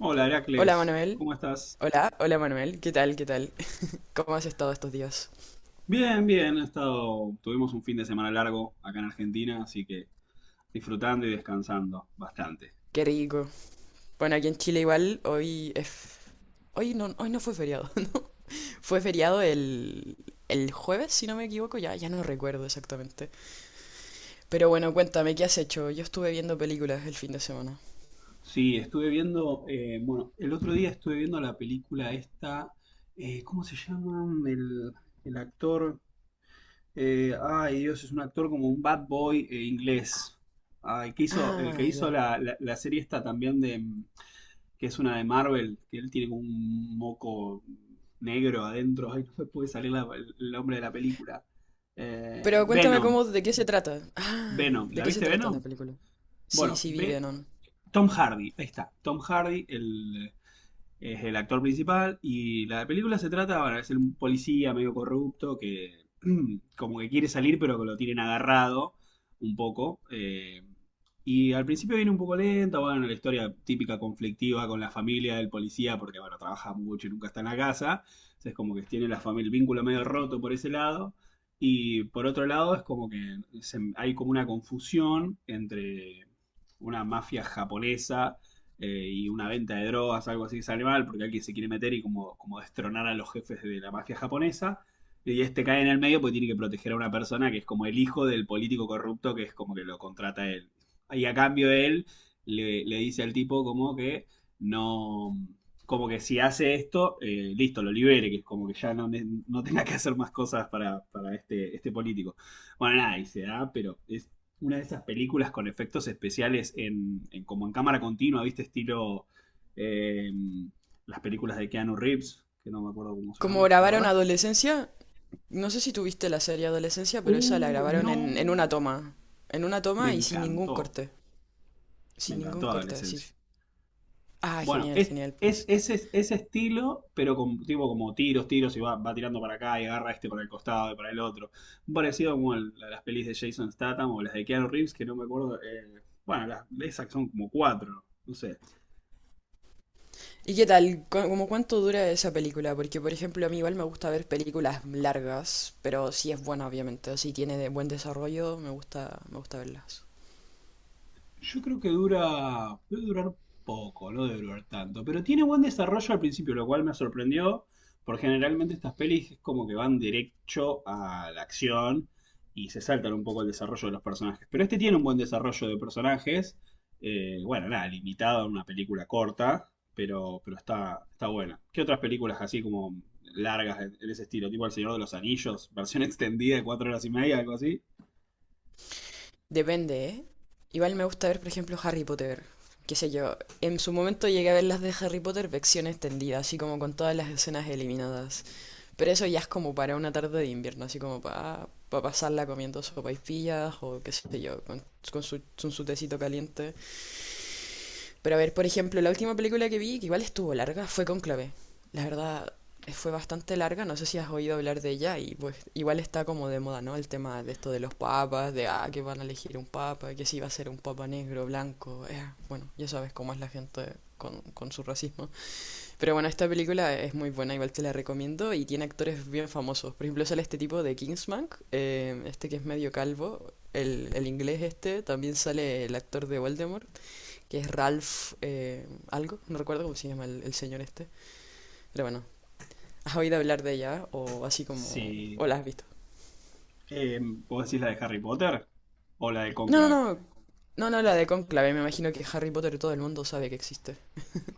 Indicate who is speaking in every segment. Speaker 1: Hola,
Speaker 2: Hola
Speaker 1: Heracles,
Speaker 2: Manuel,
Speaker 1: ¿cómo estás?
Speaker 2: hola Manuel, ¿qué tal, qué tal? ¿Cómo has estado estos días?
Speaker 1: Bien, bien, he estado, tuvimos un fin de semana largo acá en Argentina, así que disfrutando y descansando bastante.
Speaker 2: Qué rico. Bueno, aquí en Chile igual, Hoy no fue feriado. Fue feriado el jueves, si no me equivoco, ya no recuerdo exactamente. Pero bueno, cuéntame, ¿qué has hecho? Yo estuve viendo películas el fin de semana.
Speaker 1: Sí, estuve viendo, bueno, el otro día estuve viendo la película esta. ¿Cómo se llama? El actor, ay, Dios, es un actor como un bad boy, inglés, ay, que hizo, el que
Speaker 2: Ah,
Speaker 1: hizo
Speaker 2: ya.
Speaker 1: la serie esta también, de, que es una de Marvel, que él tiene como un moco negro adentro. Ay, no me puede salir el nombre de la película.
Speaker 2: Pero cuéntame
Speaker 1: Venom.
Speaker 2: cómo, de qué se trata. Ah,
Speaker 1: Venom.
Speaker 2: ¿de
Speaker 1: ¿La
Speaker 2: qué se
Speaker 1: viste
Speaker 2: trata la
Speaker 1: Venom?
Speaker 2: película? Sí,
Speaker 1: Bueno,
Speaker 2: sí, vi
Speaker 1: ve
Speaker 2: Venom.
Speaker 1: Tom Hardy. Ahí está. Tom Hardy, el, es el actor principal y la película se trata, bueno, es un policía medio corrupto que como que quiere salir, pero que lo tienen agarrado un poco. Y al principio viene un poco lenta, bueno, la historia típica conflictiva con la familia del policía porque, bueno, trabaja mucho y nunca está en la casa. Entonces, como que tiene la familia, el vínculo medio roto por ese lado. Y por otro lado es como que hay como una confusión entre una mafia japonesa y una venta de drogas, algo así, que sale mal, porque alguien se quiere meter y como, como destronar a los jefes de la mafia japonesa. Y este cae en el medio porque tiene que proteger a una persona que es como el hijo del político corrupto, que es como que lo contrata él. Y a cambio él le dice al tipo como que no, como que si hace esto, listo, lo libere, que es como que ya no, no tenga que hacer más cosas para este, este político. Bueno, nada, y se da, pero es una de esas películas con efectos especiales en, como en cámara continua, ¿viste? Estilo eh, las películas de Keanu Reeves, que no me acuerdo cómo se
Speaker 2: ¿Cómo
Speaker 1: llama, ¿te
Speaker 2: grabaron
Speaker 1: acordás?
Speaker 2: adolescencia? No sé si tuviste la serie Adolescencia, pero esa la grabaron en una
Speaker 1: No,
Speaker 2: toma. En una
Speaker 1: me
Speaker 2: toma y sin ningún
Speaker 1: encantó,
Speaker 2: corte.
Speaker 1: me
Speaker 2: Sin ningún
Speaker 1: encantó
Speaker 2: corte, así.
Speaker 1: Adolescencia.
Speaker 2: Ah,
Speaker 1: Bueno,
Speaker 2: genial, genial, pues.
Speaker 1: ese estilo, pero con tipo como tiros, tiros, y va, va tirando para acá y agarra este para el costado y para el otro. Parecido como a las pelis de Jason Statham o las de Keanu Reeves, que no me acuerdo. Bueno, las, esas son como cuatro, no sé.
Speaker 2: ¿Y qué tal? ¿Cómo cuánto dura esa película? Porque, por ejemplo, a mí igual me gusta ver películas largas, pero si es buena, obviamente, o si tiene de buen desarrollo, me gusta verlas.
Speaker 1: Yo creo que dura, debe durar poco, no debe durar tanto, pero tiene buen desarrollo al principio, lo cual me sorprendió, porque generalmente estas pelis es como que van derecho a la acción y se saltan un poco el desarrollo de los personajes. Pero este tiene un buen desarrollo de personajes. Bueno, nada, limitado a una película corta, pero está, está buena. ¿Qué otras películas así como largas en ese estilo? Tipo El Señor de los Anillos, versión extendida de 4 horas y media, algo así.
Speaker 2: Depende, ¿eh? Igual me gusta ver, por ejemplo, Harry Potter. Qué sé yo, en su momento llegué a ver las de Harry Potter versión extendida, así como con todas las escenas eliminadas. Pero eso ya es como para una tarde de invierno, así como para pasarla comiendo sopaipillas o qué sé yo, con, con su tecito caliente. Pero a ver, por ejemplo, la última película que vi, que igual estuvo larga, fue Cónclave. La verdad, fue bastante larga, no sé si has oído hablar de ella y pues igual está como de moda, ¿no? El tema de esto de los papas, de ah, que van a elegir un papa, que si va a ser un papa negro, blanco, bueno, ya sabes cómo es la gente con su racismo. Pero bueno, esta película es muy buena, igual te la recomiendo, y tiene actores bien famosos. Por ejemplo, sale este tipo de Kingsman, este que es medio calvo, el inglés este, también sale el actor de Voldemort, que es Ralph algo, no recuerdo cómo se llama el señor este, pero bueno, ¿has oído hablar de ella o así como... o la
Speaker 1: Sí.
Speaker 2: has visto?
Speaker 1: Eh, ¿Vos decís la de Harry Potter o la de
Speaker 2: No,
Speaker 1: Cónclave?
Speaker 2: no, no, no, no, la de Conclave, me imagino que Harry Potter todo el mundo sabe que existe.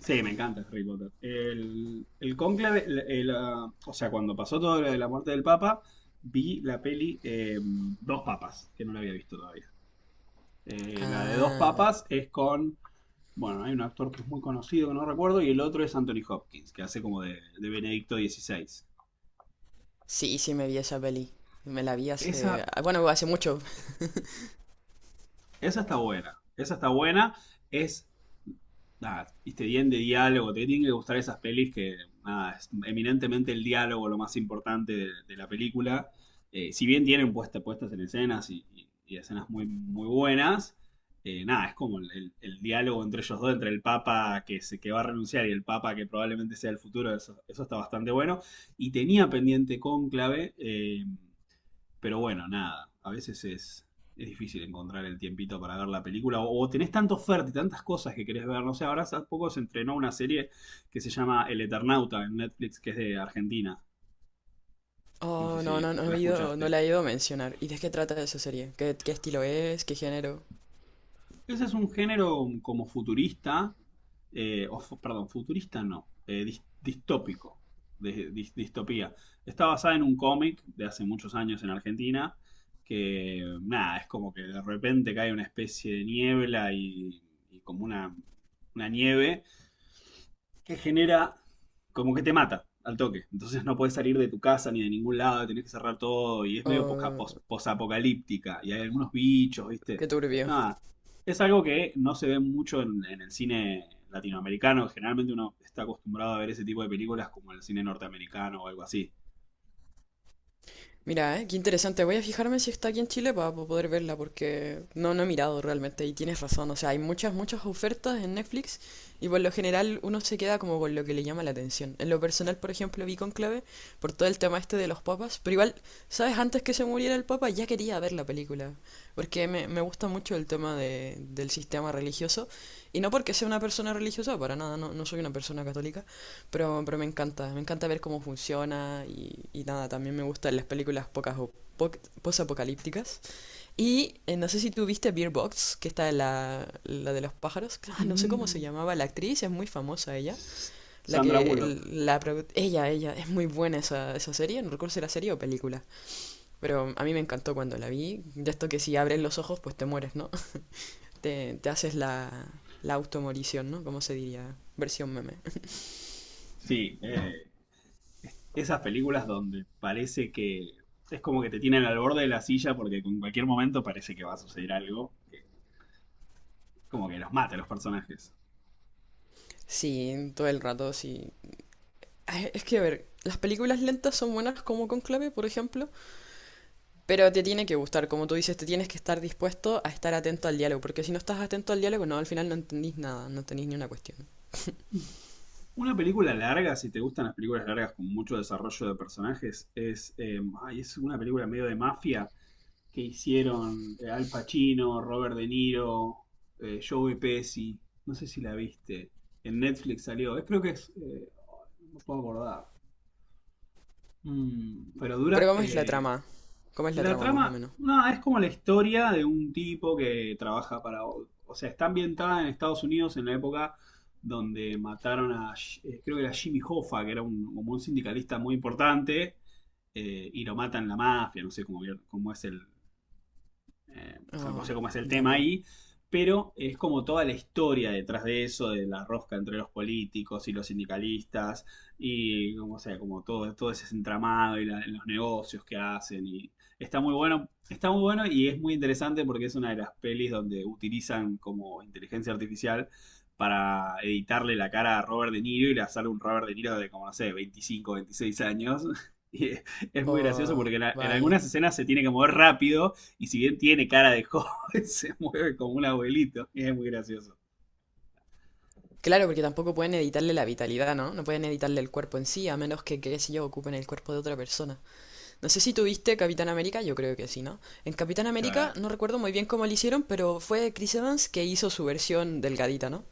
Speaker 1: Sí, me encanta Harry Potter. El Cónclave, ah, o sea, cuando pasó todo lo de la muerte del Papa, vi la peli, Dos Papas, que no la había visto todavía. La de Dos
Speaker 2: Ah,
Speaker 1: Papas es con, bueno, hay un actor que es muy conocido, que no recuerdo, y el otro es Anthony Hopkins, que hace como de Benedicto XVI.
Speaker 2: sí, sí me vi esa peli, me la vi
Speaker 1: Esa,
Speaker 2: ah, bueno, hace mucho.
Speaker 1: esa está buena, es nada, viste, bien de diálogo. Te tienen que gustar esas pelis que, nada, es eminentemente el diálogo lo más importante de la película. Si bien tienen puesta, puestas en escenas y, y escenas muy, muy buenas, nada, es como el, el diálogo entre ellos dos, entre el Papa que, se, que va a renunciar y el Papa que probablemente sea el futuro, eso está bastante bueno. Y tenía pendiente Cónclave. Pero bueno, nada, a veces es difícil encontrar el tiempito para ver la película o tenés tanta oferta y tantas cosas que querés ver. No sé, ahora hace poco se entrenó una serie que se llama El Eternauta, en Netflix, que es de Argentina. No sé
Speaker 2: Oh,
Speaker 1: si
Speaker 2: no, no, no
Speaker 1: la
Speaker 2: he ido, no
Speaker 1: escuchaste.
Speaker 2: la he ido a mencionar. ¿Y de qué trata esa serie? ¿Qué, qué estilo es? ¿Qué género?
Speaker 1: Ese es un género como futurista, o perdón, futurista no, distópico, de, distopía. Está basada en un cómic de hace muchos años en Argentina, que nada, es como que de repente cae una especie de niebla y como una nieve que genera como que te mata al toque. Entonces no puedes salir de tu casa ni de ningún lado, tenés que cerrar todo y es medio
Speaker 2: Oh,
Speaker 1: posapocalíptica y hay algunos bichos, ¿viste?
Speaker 2: qué turbio.
Speaker 1: Nada, es algo que no se ve mucho en el cine latinoamericano. Generalmente uno está acostumbrado a ver ese tipo de películas como el cine norteamericano o algo así.
Speaker 2: Mira, qué interesante. Voy a fijarme si está aquí en Chile para poder verla, porque no, no he mirado realmente y tienes razón. O sea, hay muchas, muchas ofertas en Netflix y por lo general uno se queda como con lo que le llama la atención. En lo personal, por ejemplo, vi Conclave por todo el tema este de los papas, pero igual, ¿sabes? Antes que se muriera el papa ya quería ver la película, porque me gusta mucho el tema de, del sistema religioso y no porque sea una persona religiosa, para nada, no, no soy una persona católica. Pero me encanta ver cómo funciona y nada, también me gustan las películas pocas o po- posapocalípticas. Y no sé si tú viste Beer Box, que está la de los pájaros. Ah, no sé cómo se
Speaker 1: Mm.
Speaker 2: llamaba la actriz, es muy famosa ella. La
Speaker 1: Sandra
Speaker 2: que,
Speaker 1: Bullock.
Speaker 2: la, pro- ella, es muy buena esa serie, no recuerdo si era serie o película. Pero a mí me encantó cuando la vi. De esto que si abres los ojos, pues te mueres, ¿no? Te haces la automorición, ¿no? ¿Cómo se diría, versión meme?
Speaker 1: Sí, esas películas donde parece que es como que te tienen al borde de la silla porque en cualquier momento parece que va a suceder algo, como que los mate a los personajes.
Speaker 2: Sí, todo el rato, sí. Ay, es que, a ver, las películas lentas son buenas como Conclave, por ejemplo, pero te tiene que gustar, como tú dices, te tienes que estar dispuesto a estar atento al diálogo, porque si no estás atento al diálogo, no, al final no entendís nada, no tenéis ni una cuestión.
Speaker 1: Una película larga, si te gustan las películas largas con mucho desarrollo de personajes, es, ay, es una película medio de mafia que hicieron, Al Pacino, Robert De Niro, Joey Pesci. No sé si la viste. En Netflix salió. Creo que es. No puedo acordar. Mm, pero
Speaker 2: Pero
Speaker 1: dura,
Speaker 2: ¿cómo es la trama? ¿Cómo es la
Speaker 1: la
Speaker 2: trama, más o
Speaker 1: trama,
Speaker 2: menos?
Speaker 1: no, es como la historia de un tipo que trabaja para, o sea, está ambientada en Estados Unidos en la época donde mataron a, creo que era Jimmy Hoffa, que era un, como un sindicalista muy importante. Y lo matan la mafia, no sé cómo, cómo es el, eh, no
Speaker 2: Oh,
Speaker 1: sé cómo es el
Speaker 2: ya
Speaker 1: tema
Speaker 2: veo.
Speaker 1: ahí, pero es como toda la historia detrás de eso, de la rosca entre los políticos y los sindicalistas, y como, sea, como todo, todo ese entramado y los negocios que hacen. Y está muy bueno y es muy interesante porque es una de las pelis donde utilizan como inteligencia artificial para editarle la cara a Robert De Niro y le sale un Robert De Niro de como, no sé, 25, 26 años. Y es muy gracioso
Speaker 2: Oh,
Speaker 1: porque en, en
Speaker 2: vaya.
Speaker 1: algunas escenas se tiene que mover rápido y si bien tiene cara de joven, se mueve como un abuelito. Y es muy gracioso.
Speaker 2: Claro, porque tampoco pueden editarle la vitalidad, ¿no? No pueden editarle el cuerpo en sí, a menos que, qué sé yo, ocupen el cuerpo de otra persona. No sé si tuviste Capitán América, yo creo que sí, ¿no? En Capitán América
Speaker 1: O
Speaker 2: no recuerdo muy bien cómo lo hicieron, pero fue Chris Evans que hizo su versión delgadita, ¿no?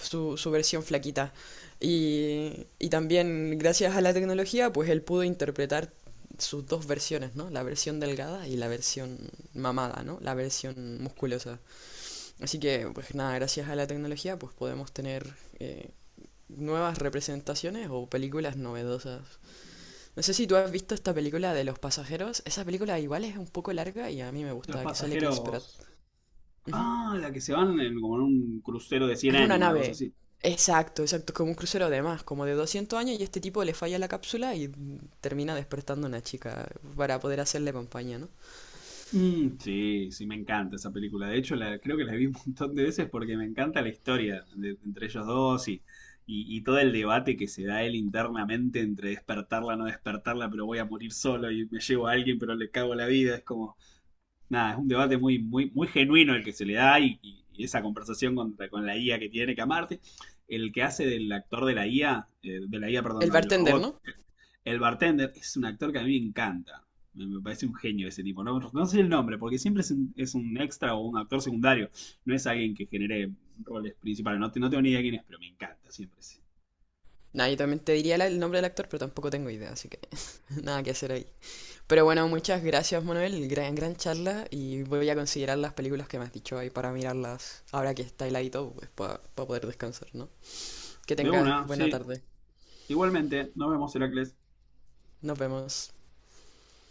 Speaker 2: Su versión flaquita. Y también gracias a la tecnología, pues él pudo interpretar sus dos versiones, ¿no? La versión delgada y la versión mamada, ¿no? La versión musculosa. Así que, pues nada, gracias a la tecnología, pues podemos tener eh, nuevas representaciones o películas novedosas. No sé si tú has visto esta película de Los Pasajeros. Esa película igual es un poco larga y a mí me
Speaker 1: Los
Speaker 2: gusta, que sale Chris Pratt.
Speaker 1: Pasajeros.
Speaker 2: Ujú.
Speaker 1: Ah, la que se van en, como en un crucero de 100
Speaker 2: En una
Speaker 1: años, una cosa
Speaker 2: nave.
Speaker 1: así.
Speaker 2: Exacto, exacto, como un crucero de más, como de 200 años y este tipo le falla la cápsula y mm, termina despertando a una chica para poder hacerle compañía, ¿no?
Speaker 1: Mm, sí, sí, me encanta esa película. De hecho, la, creo que la vi un montón de veces porque me encanta la historia entre ellos dos y todo el debate que se da él internamente entre despertarla, no despertarla, pero voy a morir solo y me llevo a alguien, pero le cago la vida. Es como, nada, es un debate muy, muy, muy genuino el que se le da y, y esa conversación con la IA que tiene que amarte. El que hace del actor de la IA, perdón,
Speaker 2: El
Speaker 1: no, del
Speaker 2: bartender,
Speaker 1: robot,
Speaker 2: ¿no?
Speaker 1: el bartender, es un actor que a mí me encanta. Me parece un genio ese tipo. No, no sé el nombre, porque siempre es un extra o un actor secundario. No es alguien que genere roles principales. No, no tengo ni idea quién es, pero me encanta siempre. Sí.
Speaker 2: Nah, yo también te diría el nombre del actor, pero tampoco tengo idea, así que nada que hacer ahí. Pero bueno, muchas gracias, Manuel. Gran, gran charla y voy a considerar las películas que me has dicho ahí para mirarlas ahora que está heladito, pues para poder descansar, ¿no? Que
Speaker 1: De
Speaker 2: tengas
Speaker 1: una,
Speaker 2: buena
Speaker 1: sí.
Speaker 2: tarde.
Speaker 1: Igualmente, nos vemos, Heracles.
Speaker 2: Nos vemos.